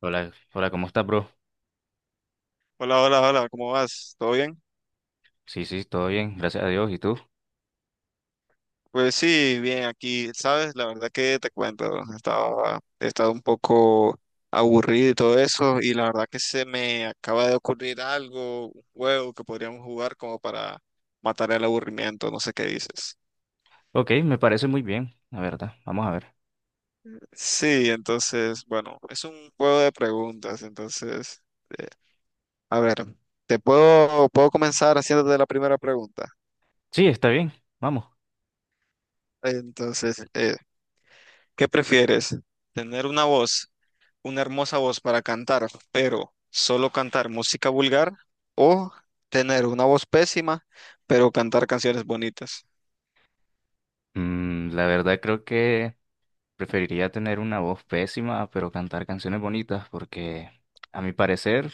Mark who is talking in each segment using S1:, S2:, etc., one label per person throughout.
S1: Hola, hola, ¿cómo estás, bro?
S2: Hola, hola, hola, ¿cómo vas? ¿Todo bien?
S1: Sí, todo bien, gracias a Dios. ¿Y tú?
S2: Pues sí, bien, aquí, sabes, la verdad que te cuento, he estado un poco aburrido y todo eso, y la verdad que se me acaba de ocurrir algo, un juego que podríamos jugar como para matar el aburrimiento, no sé qué dices.
S1: Ok, me parece muy bien, la verdad. Vamos a ver.
S2: Sí, entonces, bueno, es un juego de preguntas, entonces, eh, a ver, puedo comenzar haciéndote la primera pregunta.
S1: Sí, está bien, vamos.
S2: Entonces. ¿Qué prefieres? ¿Tener una hermosa voz para cantar, pero solo cantar música vulgar? ¿O tener una voz pésima, pero cantar canciones bonitas?
S1: La verdad creo que preferiría tener una voz pésima, pero cantar canciones bonitas, porque a mi parecer,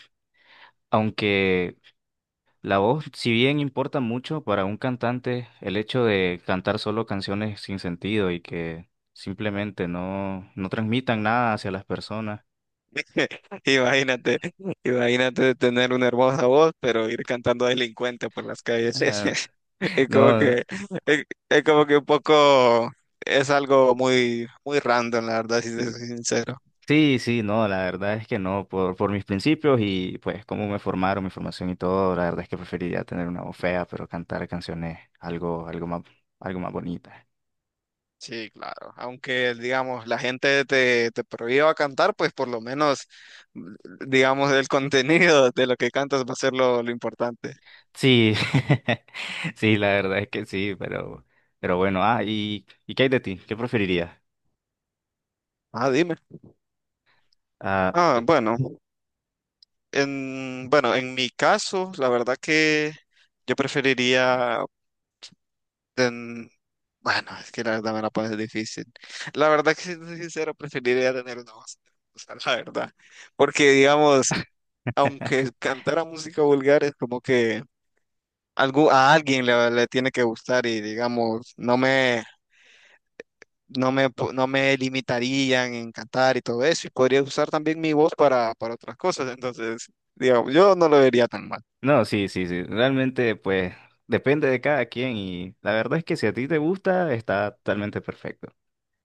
S1: aunque la voz, si bien importa mucho para un cantante, el hecho de cantar solo canciones sin sentido y que simplemente no transmitan nada hacia las personas.
S2: Imagínate, imagínate tener una hermosa voz, pero ir cantando delincuente por las calles. Es como
S1: No,
S2: que, es como que un poco, es algo muy, muy random, la verdad, si te soy sincero.
S1: sí, sí, no, la verdad es que no, por mis principios y pues cómo me formaron, mi formación y todo, la verdad es que preferiría tener una voz fea, pero cantar canciones algo, algo más bonita.
S2: Sí, claro. Aunque, digamos, la gente te prohíba cantar, pues por lo menos, mm, digamos, el contenido de lo que cantas va a ser lo importante.
S1: Sí, sí, la verdad es que sí, pero bueno, ¿y qué hay de ti? ¿Qué preferirías?
S2: Ah, dime.
S1: Ah,
S2: Ah,
S1: eh,
S2: bueno, bueno, en mi caso, la verdad que yo preferiría ten- bueno, es que la verdad me la pones difícil. La verdad que siendo sincero, preferiría tener una voz. O sea, la verdad. Porque, digamos, aunque cantara música vulgar, es como que a alguien le, tiene que gustar y, digamos, no me limitarían en cantar y todo eso. Y podría usar también mi voz para otras cosas. Entonces, digamos, yo no lo vería tan mal.
S1: no, sí, sí, sí, realmente pues depende de cada quien y la verdad es que si a ti te gusta, está totalmente perfecto.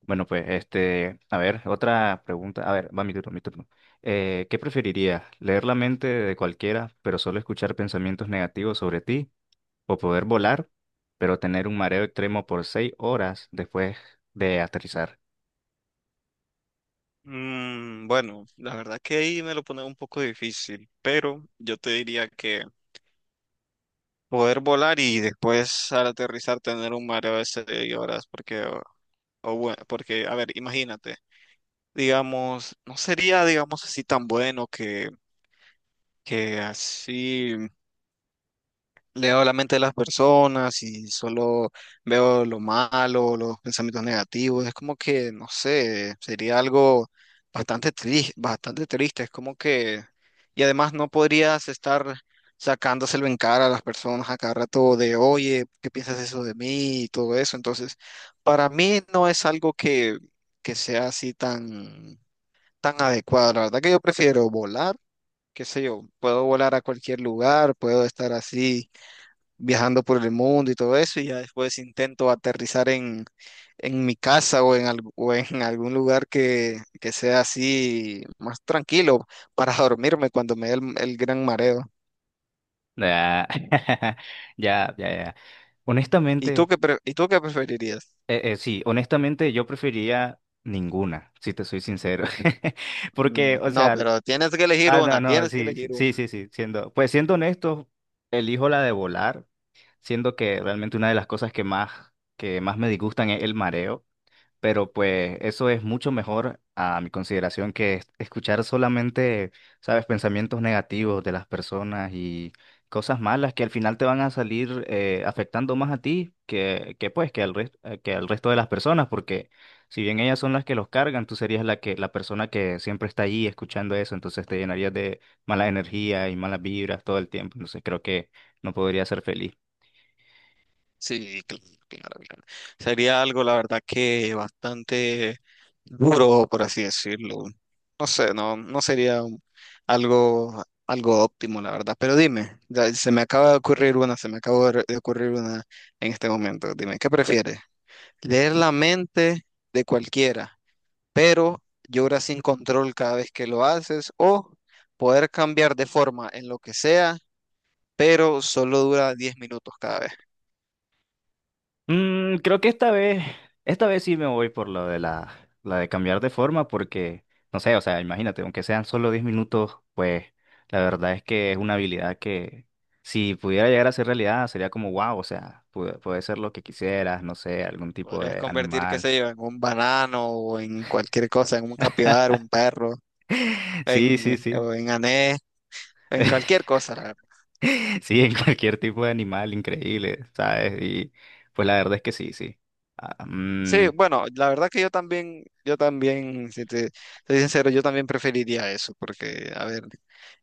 S1: Bueno, pues, este, a ver, otra pregunta. A ver, va mi turno. ¿Qué preferirías? ¿Leer la mente de cualquiera, pero solo escuchar pensamientos negativos sobre ti? ¿O poder volar, pero tener un mareo extremo por 6 horas después de aterrizar?
S2: Bueno, la verdad que ahí me lo pone un poco difícil, pero yo te diría que poder volar y después al aterrizar tener un mareo de 6 horas, porque, a ver, imagínate, digamos, no sería, digamos, así tan bueno que así. Leo la mente de las personas y solo veo lo malo, los pensamientos negativos. Es como que, no sé, sería algo bastante triste, bastante triste. Es como que, y además no podrías estar sacándoselo en cara a las personas a cada rato de, oye, ¿qué piensas eso de mí? Y todo eso. Entonces, para mí no es algo que, sea así tan, tan adecuado. La verdad que yo prefiero volar. Qué sé yo, puedo volar a cualquier lugar, puedo estar así viajando por el mundo y todo eso, y ya después intento aterrizar en, mi casa o o en algún lugar que, sea así más tranquilo para dormirme cuando me dé el gran mareo.
S1: Ah, Ya.
S2: ¿Y tú
S1: Honestamente,
S2: qué, pre- y tú qué preferirías?
S1: sí, honestamente yo preferiría ninguna, si te soy sincero. Porque, o
S2: No,
S1: sea,
S2: pero tienes que elegir
S1: no,
S2: una,
S1: no,
S2: tienes que
S1: sí, sí,
S2: elegir
S1: sí,
S2: una.
S1: sí, sí, siendo, pues siendo honesto, elijo la de volar siendo que realmente una de las cosas que más me disgustan es el mareo, pero pues eso es mucho mejor a mi consideración que escuchar solamente, sabes, pensamientos negativos de las personas y cosas malas que al final te van a salir afectando más a ti que pues que al que al resto de las personas, porque si bien ellas son las que los cargan, tú serías la que la persona que siempre está allí escuchando eso, entonces te llenarías de mala energía y malas vibras todo el tiempo, entonces creo que no podría ser feliz.
S2: Sí, claro, claro. Sería algo, la verdad, que bastante duro, por así decirlo. No sé, no sería algo óptimo, la verdad. Pero dime, ya se me acaba de ocurrir una, se me acaba de ocurrir una en este momento. Dime, ¿qué prefieres? Leer la mente de cualquiera, pero lloras sin control cada vez que lo haces, o poder cambiar de forma en lo que sea, pero solo dura 10 minutos cada vez.
S1: Creo que esta vez sí me voy por lo de la de cambiar de forma, porque, no sé, o sea, imagínate, aunque sean solo 10 minutos, pues la verdad es que es una habilidad que si pudiera llegar a ser realidad sería como wow, o sea, puede ser lo que quisieras, no sé, algún tipo
S2: Podrías
S1: de
S2: convertir, qué
S1: animal.
S2: sé yo, en un banano o en cualquier cosa, en un capibara, un perro,
S1: Sí, sí, sí.
S2: o en anés, en cualquier cosa. La verdad.
S1: Sí, en cualquier tipo de animal, increíble, ¿sabes? Y pues la verdad es que sí, sí. Ah,
S2: Sí,
S1: mm,
S2: bueno, la verdad que yo también, si te soy sincero, yo también preferiría eso, porque, a ver,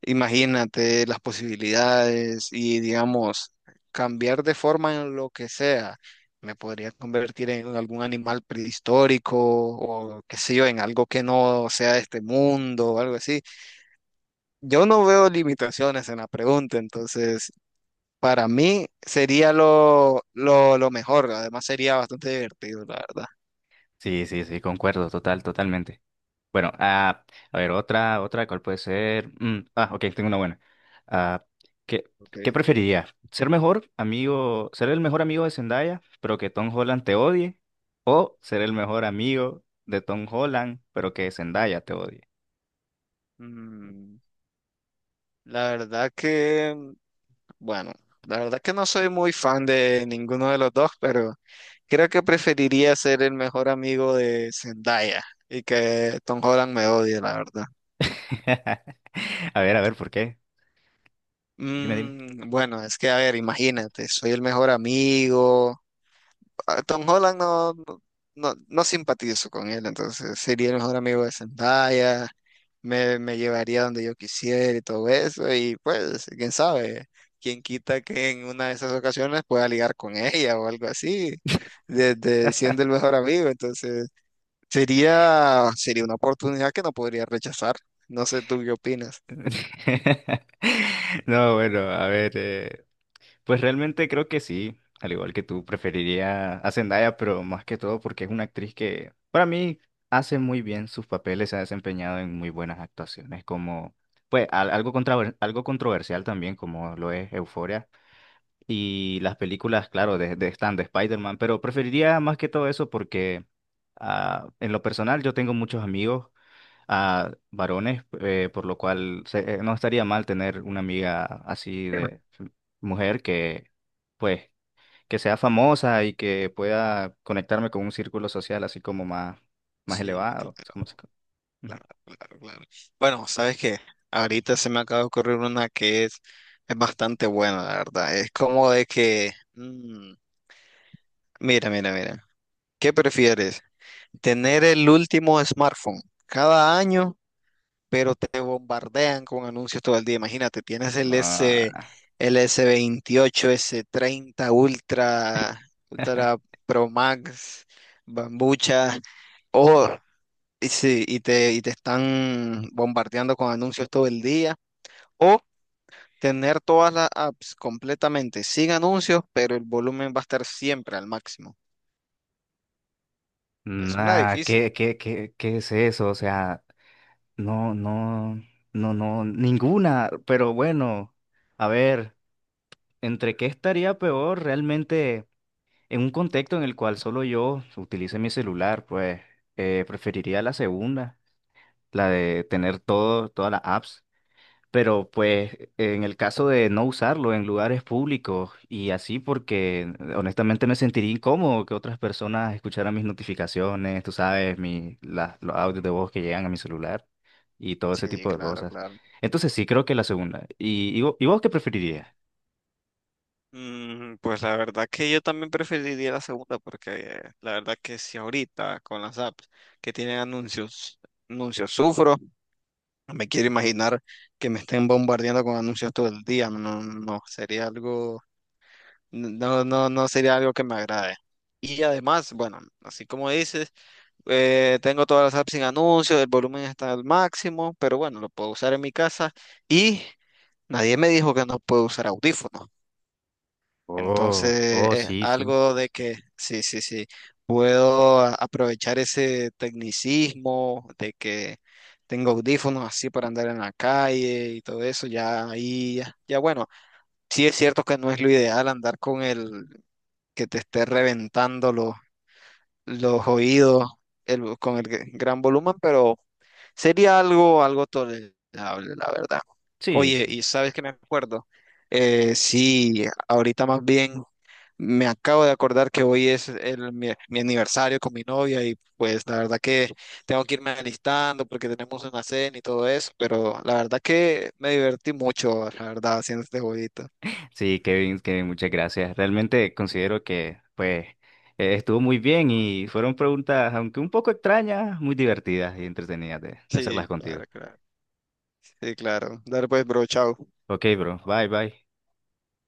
S2: imagínate las posibilidades y, digamos, cambiar de forma en lo que sea. Me podría convertir en algún animal prehistórico o, qué sé yo, en algo que no sea de este mundo o algo así. Yo no veo limitaciones en la pregunta, entonces para mí sería lo mejor, además sería bastante divertido, la verdad.
S1: sí, sí, sí, concuerdo, totalmente. Bueno, a ver, otra, ¿cuál puede ser? Ok, tengo una buena. Ah, ¿qué,
S2: Ok.
S1: qué preferiría? ¿Ser el mejor amigo de Zendaya, pero que Tom Holland te odie? ¿O ser el mejor amigo de Tom Holland, pero que Zendaya te odie?
S2: Mm, la verdad que, bueno, la verdad que no soy muy fan de ninguno de los dos, pero creo que preferiría ser el mejor amigo de Zendaya y que Tom Holland me odie, la verdad.
S1: A ver, ¿por qué? Dime.
S2: Bueno, es que, a ver, imagínate, soy el mejor amigo. A Tom Holland no simpatizo con él, entonces sería el mejor amigo de Zendaya, me llevaría donde yo quisiera y todo eso, y pues, quién sabe, quién quita que en una de esas ocasiones pueda ligar con ella o algo así, desde siendo el mejor amigo, entonces sería una oportunidad que no podría rechazar. No sé tú qué opinas.
S1: No, bueno, a ver. Pues realmente creo que sí, al igual que tú, preferiría a Zendaya, pero más que todo porque es una actriz que para mí hace muy bien sus papeles, se ha desempeñado en muy buenas actuaciones, como pues algo algo controversial también, como lo es Euphoria y las películas, claro, de están de Spider-Man, pero preferiría más que todo eso porque en lo personal yo tengo muchos amigos a varones, por lo cual no estaría mal tener una amiga así de mujer que, pues, que sea famosa y que pueda conectarme con un círculo social así como más, más
S2: Sí,
S1: elevado.
S2: claro.
S1: Es como- Ujú.
S2: Claro, claro, claro. Bueno, ¿sabes qué? Ahorita se me acaba de ocurrir una que es bastante buena, la verdad. Es como de que, mira, mira, mira. ¿Qué prefieres? ¿Tener el último smartphone cada año, pero te bombardean con anuncios todo el día? Imagínate, tienes
S1: Ah,
S2: el S28, S30 Ultra, Pro Max, Bambucha. O y te están bombardeando con anuncios todo el día. O tener todas las apps completamente sin anuncios, pero el volumen va a estar siempre al máximo. Es una
S1: nah,
S2: difícil.
S1: qué es eso? O sea, no, no, no, ninguna, pero bueno, a ver, ¿entre qué estaría peor realmente? En un contexto en el cual solo yo utilice mi celular, pues preferiría la segunda, la de todas las apps. Pero pues en el caso de no usarlo en lugares públicos y así porque honestamente me sentiría incómodo que otras personas escucharan mis notificaciones, tú sabes, los audios de voz que llegan a mi celular y todo ese
S2: Sí,
S1: tipo de
S2: claro,
S1: cosas.
S2: claro.
S1: Entonces sí creo que la segunda. Y vos qué preferirías?
S2: Pues la verdad que yo también preferiría la segunda, porque la verdad que si ahorita con las apps que tienen anuncios sufro, no me quiero imaginar que me estén bombardeando con anuncios todo el día. No, no, no, sería algo. No, no, no sería algo que me agrade. Y además, bueno, así como dices, tengo todas las apps sin anuncios, el volumen está al máximo, pero bueno, lo puedo usar en mi casa y nadie me dijo que no puedo usar audífonos. Entonces,
S1: Oh,
S2: es
S1: sí, sí.
S2: algo de que sí, sí, sí, puedo aprovechar ese tecnicismo de que tengo audífonos así para andar en la calle y todo eso, ya ahí, ya bueno, sí es cierto que no es lo ideal andar con el que te esté reventando los oídos con el gran volumen, pero sería algo tolerable, la verdad.
S1: Sí,
S2: Oye,
S1: sí.
S2: y sabes que me acuerdo. Sí, ahorita más bien me acabo de acordar que hoy es mi aniversario con mi novia y pues la verdad que tengo que irme alistando porque tenemos una cena y todo eso, pero la verdad que me divertí mucho, la verdad, haciendo este jueguito.
S1: Sí, Kevin, muchas gracias. Realmente considero que pues estuvo muy bien y fueron preguntas, aunque un poco extrañas, muy divertidas y entretenidas de
S2: Sí,
S1: hacerlas contigo.
S2: claro, claro. Sí, claro. Dale pues, bro, chao.
S1: Ok, bro. Bye, bye.